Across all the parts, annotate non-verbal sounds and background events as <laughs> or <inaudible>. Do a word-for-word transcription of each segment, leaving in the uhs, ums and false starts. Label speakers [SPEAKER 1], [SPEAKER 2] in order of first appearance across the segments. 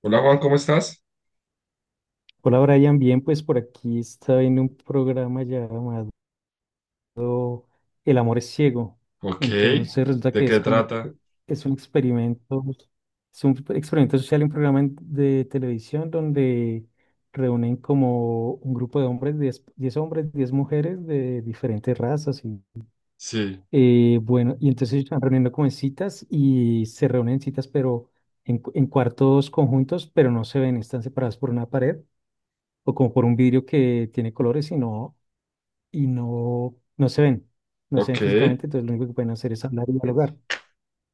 [SPEAKER 1] Hola Juan, ¿cómo estás?
[SPEAKER 2] Hola Brian, bien, pues por aquí está viendo un programa llamado El amor es ciego.
[SPEAKER 1] Ok.
[SPEAKER 2] Entonces resulta
[SPEAKER 1] ¿De
[SPEAKER 2] que
[SPEAKER 1] qué
[SPEAKER 2] es como
[SPEAKER 1] trata?
[SPEAKER 2] un, es un experimento, es un experimento social, un programa en- de televisión donde reúnen como un grupo de hombres, diez 10 hombres, diez mujeres de diferentes razas. Y,
[SPEAKER 1] Sí.
[SPEAKER 2] eh, bueno, y entonces ellos están reuniendo como en citas y se reúnen en citas, pero en, cu- en cuartos conjuntos, pero no se ven, están separados por una pared o como por un vidrio que tiene colores, sino y no, no se ven, no se
[SPEAKER 1] Ok.
[SPEAKER 2] ven físicamente. Entonces lo único que pueden hacer es hablar y dialogar.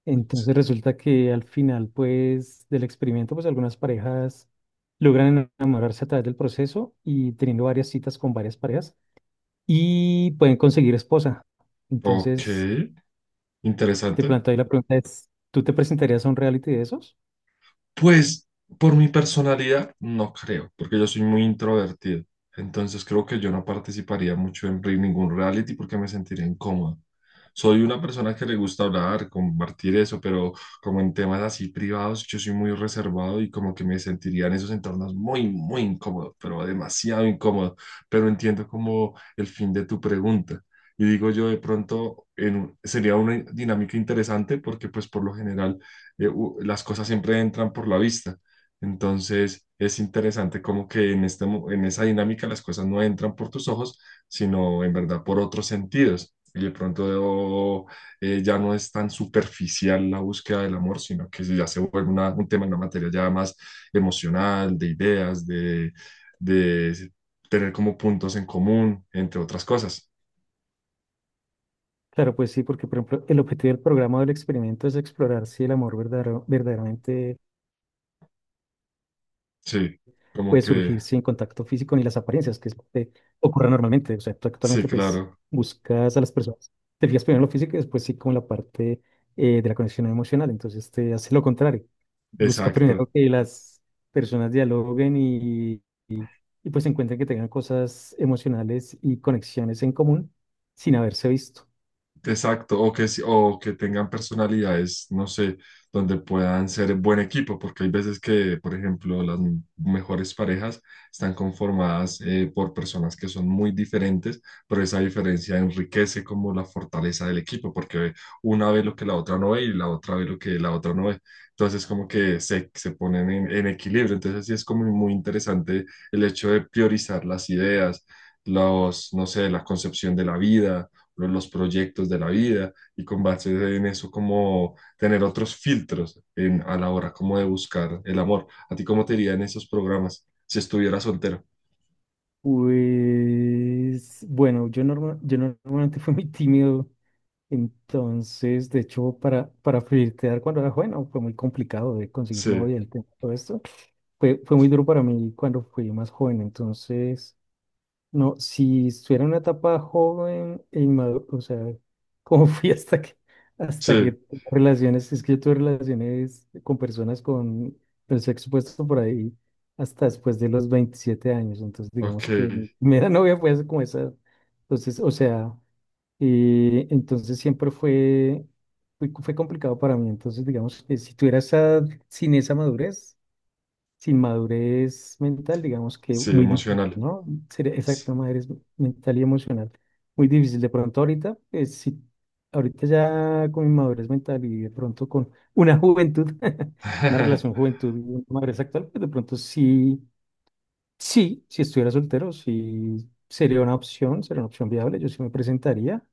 [SPEAKER 2] Entonces resulta que al final, pues, del experimento, pues algunas parejas logran enamorarse a través del proceso y teniendo varias citas con varias parejas y pueden conseguir esposa.
[SPEAKER 1] Ok.
[SPEAKER 2] Entonces, te
[SPEAKER 1] Interesante.
[SPEAKER 2] planteo ahí la pregunta es, ¿tú te presentarías a un reality de esos?
[SPEAKER 1] Pues por mi personalidad, no creo, porque yo soy muy introvertido. Entonces creo que yo no participaría mucho en re- ningún reality porque me sentiría incómodo. Soy una persona que le gusta hablar, compartir eso, pero como en temas así privados, yo soy muy reservado y como que me sentiría en esos entornos muy, muy incómodo, pero demasiado incómodo. Pero entiendo como el fin de tu pregunta. Y digo yo, de pronto en- sería una dinámica interesante porque pues por lo general eh, u- las cosas siempre entran por la vista. Entonces es interesante como que en este, mo- en esa dinámica las cosas no entran por tus ojos, sino en verdad por otros sentidos. Y de pronto oh, eh, ya no es tan superficial la búsqueda del amor, sino que ya se vuelve una- un tema, una materia ya más emocional, de ideas, de, de tener como puntos en común, entre otras cosas.
[SPEAKER 2] Claro, pues sí, porque por ejemplo, el objetivo del programa o del experimento es explorar si el amor verdadero- verdaderamente
[SPEAKER 1] Sí, como
[SPEAKER 2] puede
[SPEAKER 1] que,
[SPEAKER 2] surgir sin contacto físico ni las apariencias, que es lo que ocurre normalmente. O sea, tú
[SPEAKER 1] sí,
[SPEAKER 2] actualmente pues
[SPEAKER 1] claro,
[SPEAKER 2] buscas a las personas, te fijas primero en lo físico y después sí con la parte eh, de la conexión emocional. Entonces te hace lo contrario. Busca primero
[SPEAKER 1] exacto.
[SPEAKER 2] que las personas dialoguen y, y, pues encuentren que tengan cosas emocionales y conexiones en común sin haberse visto.
[SPEAKER 1] Exacto, o que, si- o que tengan personalidades, no sé, donde puedan ser buen equipo, porque hay veces que, por ejemplo, las m- mejores parejas están conformadas eh, por personas que son muy diferentes, pero esa diferencia enriquece como la fortaleza del equipo, porque una ve lo que la otra no ve y la otra ve lo que la otra no ve. Entonces, como que se, se ponen en, en equilibrio. Entonces, sí es como muy interesante el hecho de priorizar las ideas, los, no sé, la concepción de la vida lo- los proyectos de la vida y con base en eso como tener otros filtros en, a la hora como de buscar el amor. ¿A ti cómo te iría en esos programas si estuviera soltero?
[SPEAKER 2] Pues bueno, yo, norma- yo normalmente <laughs> fui muy tímido. Entonces, de hecho, para, para flirtear cuando era joven, no, fue muy complicado de conseguir
[SPEAKER 1] Sí,
[SPEAKER 2] novia, el tema, todo esto. Fue, fue muy duro para mí cuando fui más joven. Entonces, no, si estuviera en una etapa joven e inmaduro, o sea, <laughs> como fui hasta que, hasta que
[SPEAKER 1] sí,
[SPEAKER 2] tuve relaciones, es que yo tuve relaciones con personas con el sexo puesto por ahí hasta después de los veintisiete años. Entonces,
[SPEAKER 1] ok,
[SPEAKER 2] digamos que mi primera <laughs> novia fue hace como esa. Entonces, o sea. Eh, entonces siempre fue, fue, fue complicado para mí. Entonces, digamos que si tuviera esa, sin esa madurez, sin madurez mental, digamos que
[SPEAKER 1] sí,
[SPEAKER 2] muy difícil,
[SPEAKER 1] emocional.
[SPEAKER 2] ¿no? Sería exacto, madurez mental y emocional. Muy difícil. De pronto ahorita, pues, si, ahorita ya con mi madurez mental y de pronto con una juventud, <laughs> una relación
[SPEAKER 1] <laughs>
[SPEAKER 2] juventud y una madurez actual, pues de pronto sí, sí, si estuviera soltero, sí sería una opción, sería una opción viable, yo sí me presentaría.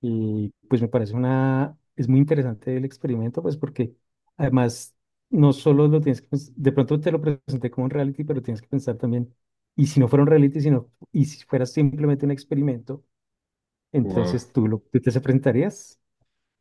[SPEAKER 2] Y pues me parece una, es muy interesante el experimento, pues porque además no solo lo tienes que pens- de pronto te lo presenté como un reality, pero tienes que pensar también, y si no fuera un reality, sino, y si fuera simplemente un experimento,
[SPEAKER 1] Wow.
[SPEAKER 2] entonces tú, lo, tú te presentarías.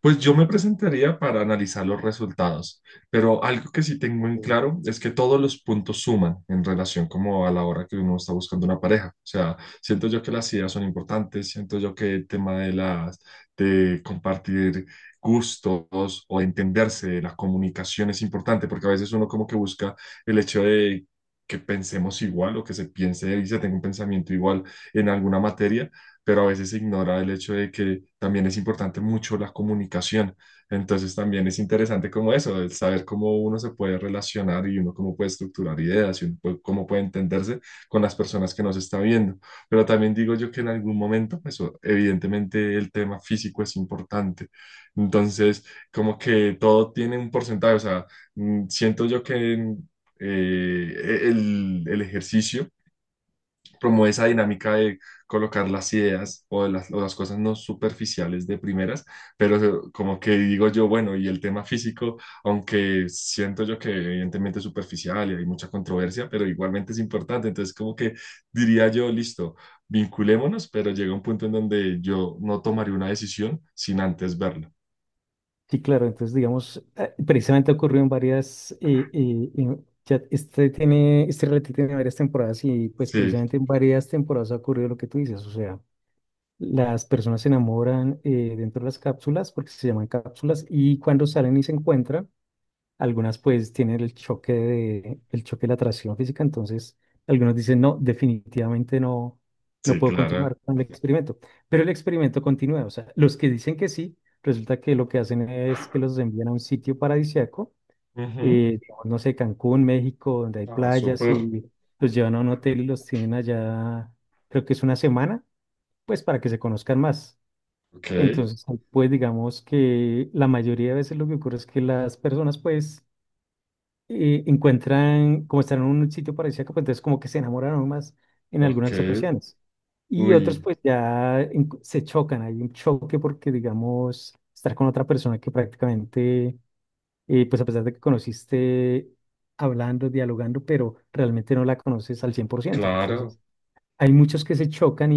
[SPEAKER 1] Pues yo me presentaría para analizar los resultados, pero algo que sí tengo en
[SPEAKER 2] Uy.
[SPEAKER 1] claro es que todos los puntos suman en relación como a la hora que uno está buscando una pareja. O sea, siento yo que las ideas son importantes, siento yo que el tema de las de compartir gustos o entenderse, la comunicación es importante porque a veces uno como que busca el hecho de que pensemos igual o que se piense y se tenga un pensamiento igual en alguna materia pero a veces se ignora el hecho de que también es importante mucho la comunicación. Entonces también es interesante como eso, el saber cómo uno se puede relacionar y uno cómo puede estructurar ideas y uno puede- cómo puede entenderse con las personas que nos está viendo. Pero también digo yo que en algún momento, pues o- evidentemente el tema físico es importante. Entonces, como que todo tiene un porcentaje, o sea, mm, siento yo que... en- eh, e, el, el ejercicio promueve esa dinámica de colocar las ideas o de las, o las cosas no superficiales de primeras, pero se- como que digo yo, bueno, y el tema físico, aunque siento yo que evidentemente es superficial y hay mucha controversia, pero igualmente es importante, entonces como que diría yo, listo, vinculémonos, pero llega un punto en donde yo no tomaré una decisión sin antes verla.
[SPEAKER 2] Sí, claro, entonces digamos, eh, precisamente ocurrió en varias, eh, eh, en- ya este tiene, este reality tiene varias temporadas y pues
[SPEAKER 1] Sí,
[SPEAKER 2] precisamente en varias temporadas ha ocurrido lo que tú dices, o sea. Las personas se enamoran eh, dentro de las cápsulas porque se llaman cápsulas, y cuando salen y se encuentran, algunas pues tienen el choque de, el choque de la atracción física. Entonces algunos dicen, no, definitivamente no, no
[SPEAKER 1] sí,
[SPEAKER 2] puedo
[SPEAKER 1] claro.
[SPEAKER 2] continuar con el experimento. Pero el experimento continúa, o sea, los que dicen que sí, resulta que lo que hacen es que los envían a un sitio paradisíaco,
[SPEAKER 1] Ujú.
[SPEAKER 2] eh, digamos, no sé, Cancún, México, donde hay
[SPEAKER 1] Ah,
[SPEAKER 2] playas
[SPEAKER 1] súper.
[SPEAKER 2] y los llevan a un hotel y los tienen allá, creo que es una semana, pues para que se conozcan más.
[SPEAKER 1] Ok,
[SPEAKER 2] Entonces, pues digamos que la mayoría de veces lo que ocurre es que las personas pues eh, encuentran, como están en un sitio paradisíaco, pues entonces como que se enamoraron más en
[SPEAKER 1] ok.
[SPEAKER 2] algunas ocasiones. Y otros
[SPEAKER 1] Uy,
[SPEAKER 2] pues ya en- se chocan, hay un choque porque digamos estar con otra persona que prácticamente, eh, pues a pesar de que conociste hablando, dialogando, pero realmente no la conoces al cien por ciento.
[SPEAKER 1] claro.
[SPEAKER 2] Entonces, hay muchos que se chocan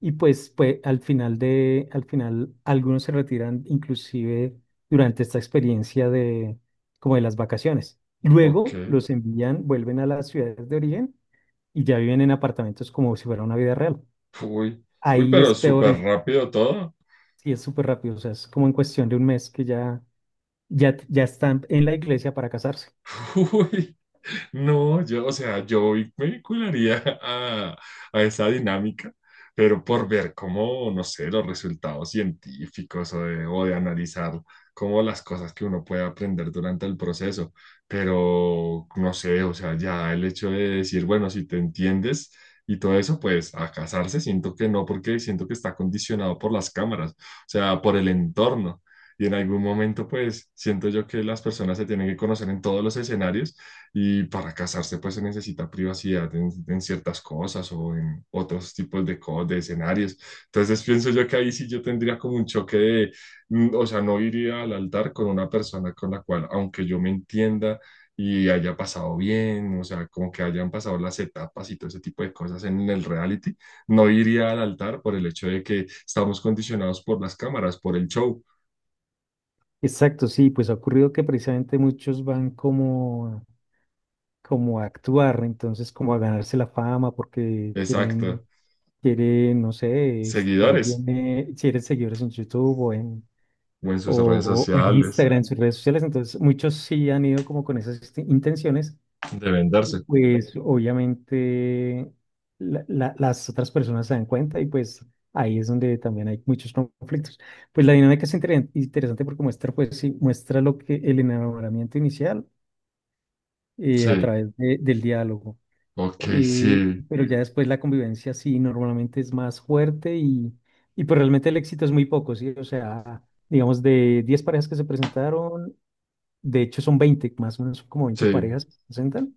[SPEAKER 2] y pues, pues al final de, al final algunos se retiran inclusive durante esta experiencia de como de las vacaciones.
[SPEAKER 1] Ok.
[SPEAKER 2] Luego los envían, vuelven a las ciudades de origen y ya viven en apartamentos como si fuera una vida real.
[SPEAKER 1] Uy, uy,
[SPEAKER 2] Ahí
[SPEAKER 1] pero
[SPEAKER 2] es peor
[SPEAKER 1] súper
[SPEAKER 2] el,
[SPEAKER 1] rápido todo.
[SPEAKER 2] Sí, es súper rápido, o sea, es como en cuestión de un mes que ya, ya, ya están en la iglesia para casarse.
[SPEAKER 1] <laughs> Uy. No, yo, o sea, yo hoy me vincularía <laughs> a, a esa dinámica, pero por ver cómo, no sé, los resultados científicos o de, o de analizar como las cosas que uno puede aprender durante el proceso. Pero, no sé, o sea, ya el hecho de decir, bueno, si te entiendes y todo eso, pues a casarse siento que no, porque siento que está condicionado por las cámaras, o sea, por el entorno. Y en algún momento, pues, siento yo que las personas se tienen que conocer en todos los escenarios y para casarse, pues se necesita privacidad en, en ciertas cosas o en otros tipos de, co- de escenarios. Entonces pienso yo que ahí sí yo tendría como un choque de, mm, o sea, no iría al altar con una persona con la cual, aunque yo me entienda y haya pasado bien, o sea, como que hayan pasado las etapas y todo ese tipo de cosas en el reality, no iría al altar por el hecho de que estamos condicionados por las cámaras, por el show.
[SPEAKER 2] Exacto, sí, pues ha ocurrido que precisamente muchos van como como a actuar, entonces como a ganarse la fama porque
[SPEAKER 1] Exacto.
[SPEAKER 2] quieren, quieren, no sé, estar
[SPEAKER 1] Seguidores
[SPEAKER 2] bien, eh, quieren seguidores en YouTube o en,
[SPEAKER 1] o en sus redes
[SPEAKER 2] o o en
[SPEAKER 1] sociales
[SPEAKER 2] Instagram, en sus redes sociales. Entonces muchos sí han ido como con esas este- intenciones,
[SPEAKER 1] deben
[SPEAKER 2] y
[SPEAKER 1] darse.
[SPEAKER 2] pues obviamente la- la- las otras personas se dan cuenta y pues ahí es donde también hay muchos conflictos. Pues la dinámica es inter- interesante porque muestra, pues sí, muestra lo que el enamoramiento inicial eh, a
[SPEAKER 1] Sí.
[SPEAKER 2] través de- del diálogo.
[SPEAKER 1] Ok,
[SPEAKER 2] Eh,
[SPEAKER 1] sí,
[SPEAKER 2] pero ya después la convivencia sí normalmente es más fuerte y, y pues realmente el éxito es muy poco, ¿sí? O sea, digamos de diez parejas que se presentaron, de hecho son veinte, más o menos son como veinte
[SPEAKER 1] sí,
[SPEAKER 2] parejas que se presentan,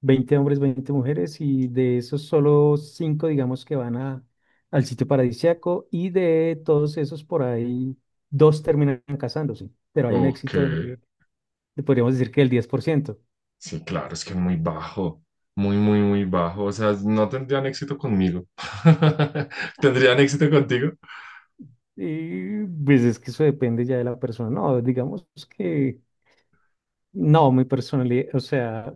[SPEAKER 2] veinte hombres, veinte mujeres, y de esos solo cinco digamos que van a, al sitio paradisíaco, y de todos esos por ahí dos terminan casándose, pero hay un
[SPEAKER 1] ok,
[SPEAKER 2] éxito de, de podríamos decir que el diez por ciento.
[SPEAKER 1] sí, claro, es que es muy bajo, muy, muy, muy bajo, o sea, no tendrían éxito conmigo. <laughs> ¿Tendrían éxito contigo?
[SPEAKER 2] Y pues es que eso depende ya de la persona. No, digamos que no, mi personalidad, o sea,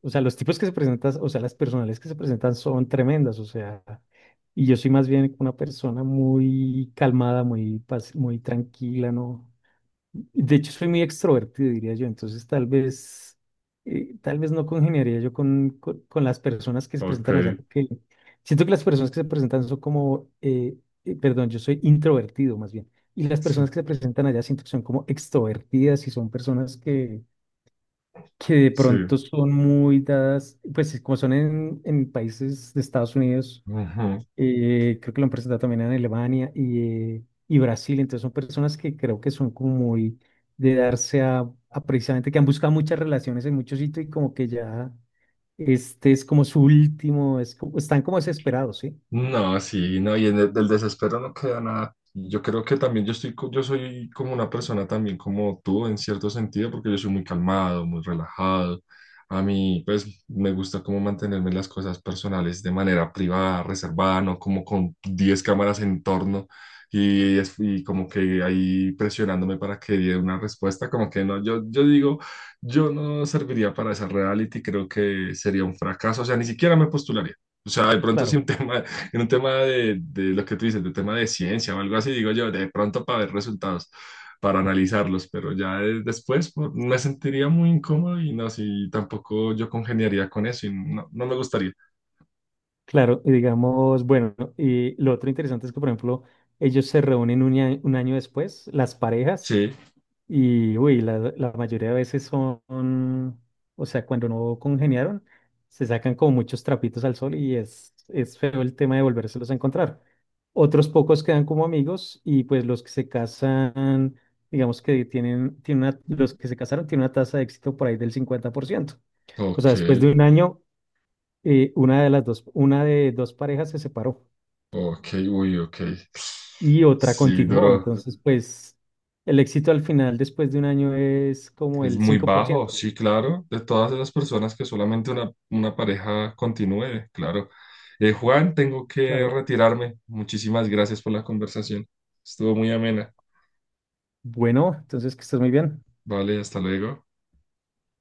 [SPEAKER 2] o sea, los tipos que se presentan, o sea, las personalidades que se presentan son tremendas, o sea, y yo soy más bien una persona muy calmada, muy, paci- muy tranquila, ¿no? De hecho, soy muy extrovertido, diría yo. Entonces, tal vez, eh, tal vez no congeniaría yo con, con, con, las personas que se
[SPEAKER 1] Ok,
[SPEAKER 2] presentan allá, porque siento que las personas que se presentan son como, eh, eh, perdón, yo soy introvertido más bien. Y las
[SPEAKER 1] sí,
[SPEAKER 2] personas que se presentan allá siento que son como extrovertidas y son personas que, que, de
[SPEAKER 1] sí.
[SPEAKER 2] pronto son muy dadas, pues como son en, en países de Estados Unidos,
[SPEAKER 1] ujú.
[SPEAKER 2] eh, creo que lo han presentado también en Alemania y, eh, y Brasil. Entonces son personas que creo que son como muy de darse a, a precisamente que han buscado muchas relaciones en muchos sitios y como que ya este es como su último, es como- están como desesperados, ¿sí?
[SPEAKER 1] No, sí, no, y en el, del desespero no queda nada. Yo creo que también yo estoy, co- yo soy como una persona también como tú en cierto sentido, porque yo soy muy calmado, muy relajado. A mí, pues, me gusta como mantenerme las cosas personales de manera privada, reservada, no como con diez cámaras en torno y, es- y como que ahí presionándome para que dé una respuesta, como que no, yo, yo digo, yo no serviría para esa reality, creo que sería un fracaso, o sea, ni siquiera me postularía. O sea, de pronto si
[SPEAKER 2] Claro,
[SPEAKER 1] un <laughs> tema, en un tema de, de lo que tú dices, de tema de ciencia o algo así, digo yo, de pronto para ver resultados, para analizarlos, pero ya eh, después pues, me sentiría muy incómodo y no, si tampoco yo congeniaría con eso y no, no me gustaría.
[SPEAKER 2] claro. Y digamos, bueno, y lo otro interesante es que, por ejemplo, ellos se reúnen un, a- un año después, las parejas.
[SPEAKER 1] Sí,
[SPEAKER 2] Y, uy, la, la mayoría de veces son, o sea, cuando no congeniaron, se sacan como muchos trapitos al sol y es, es feo el tema de volvérselos a encontrar. Otros pocos quedan como amigos y pues los que se casan, digamos que tienen, tienen una- los que se casaron tienen una tasa de éxito por ahí del cincuenta por ciento. O
[SPEAKER 1] ok,
[SPEAKER 2] sea, después de un año, eh, una de las dos, una de dos parejas se separó
[SPEAKER 1] ok, uy, ok.
[SPEAKER 2] y otra
[SPEAKER 1] Sí,
[SPEAKER 2] continuó.
[SPEAKER 1] duro.
[SPEAKER 2] Entonces, pues el éxito al final después de un año es como
[SPEAKER 1] Es
[SPEAKER 2] el
[SPEAKER 1] muy
[SPEAKER 2] cinco por
[SPEAKER 1] bajo,
[SPEAKER 2] ciento
[SPEAKER 1] sí, claro. De todas esas personas que solamente una, una pareja continúe, claro. Eh, Juan, tengo que
[SPEAKER 2] Claro.
[SPEAKER 1] retirarme. Muchísimas gracias por la conversación. Estuvo muy amena.
[SPEAKER 2] Bueno, entonces que estés muy bien.
[SPEAKER 1] Vale, hasta luego.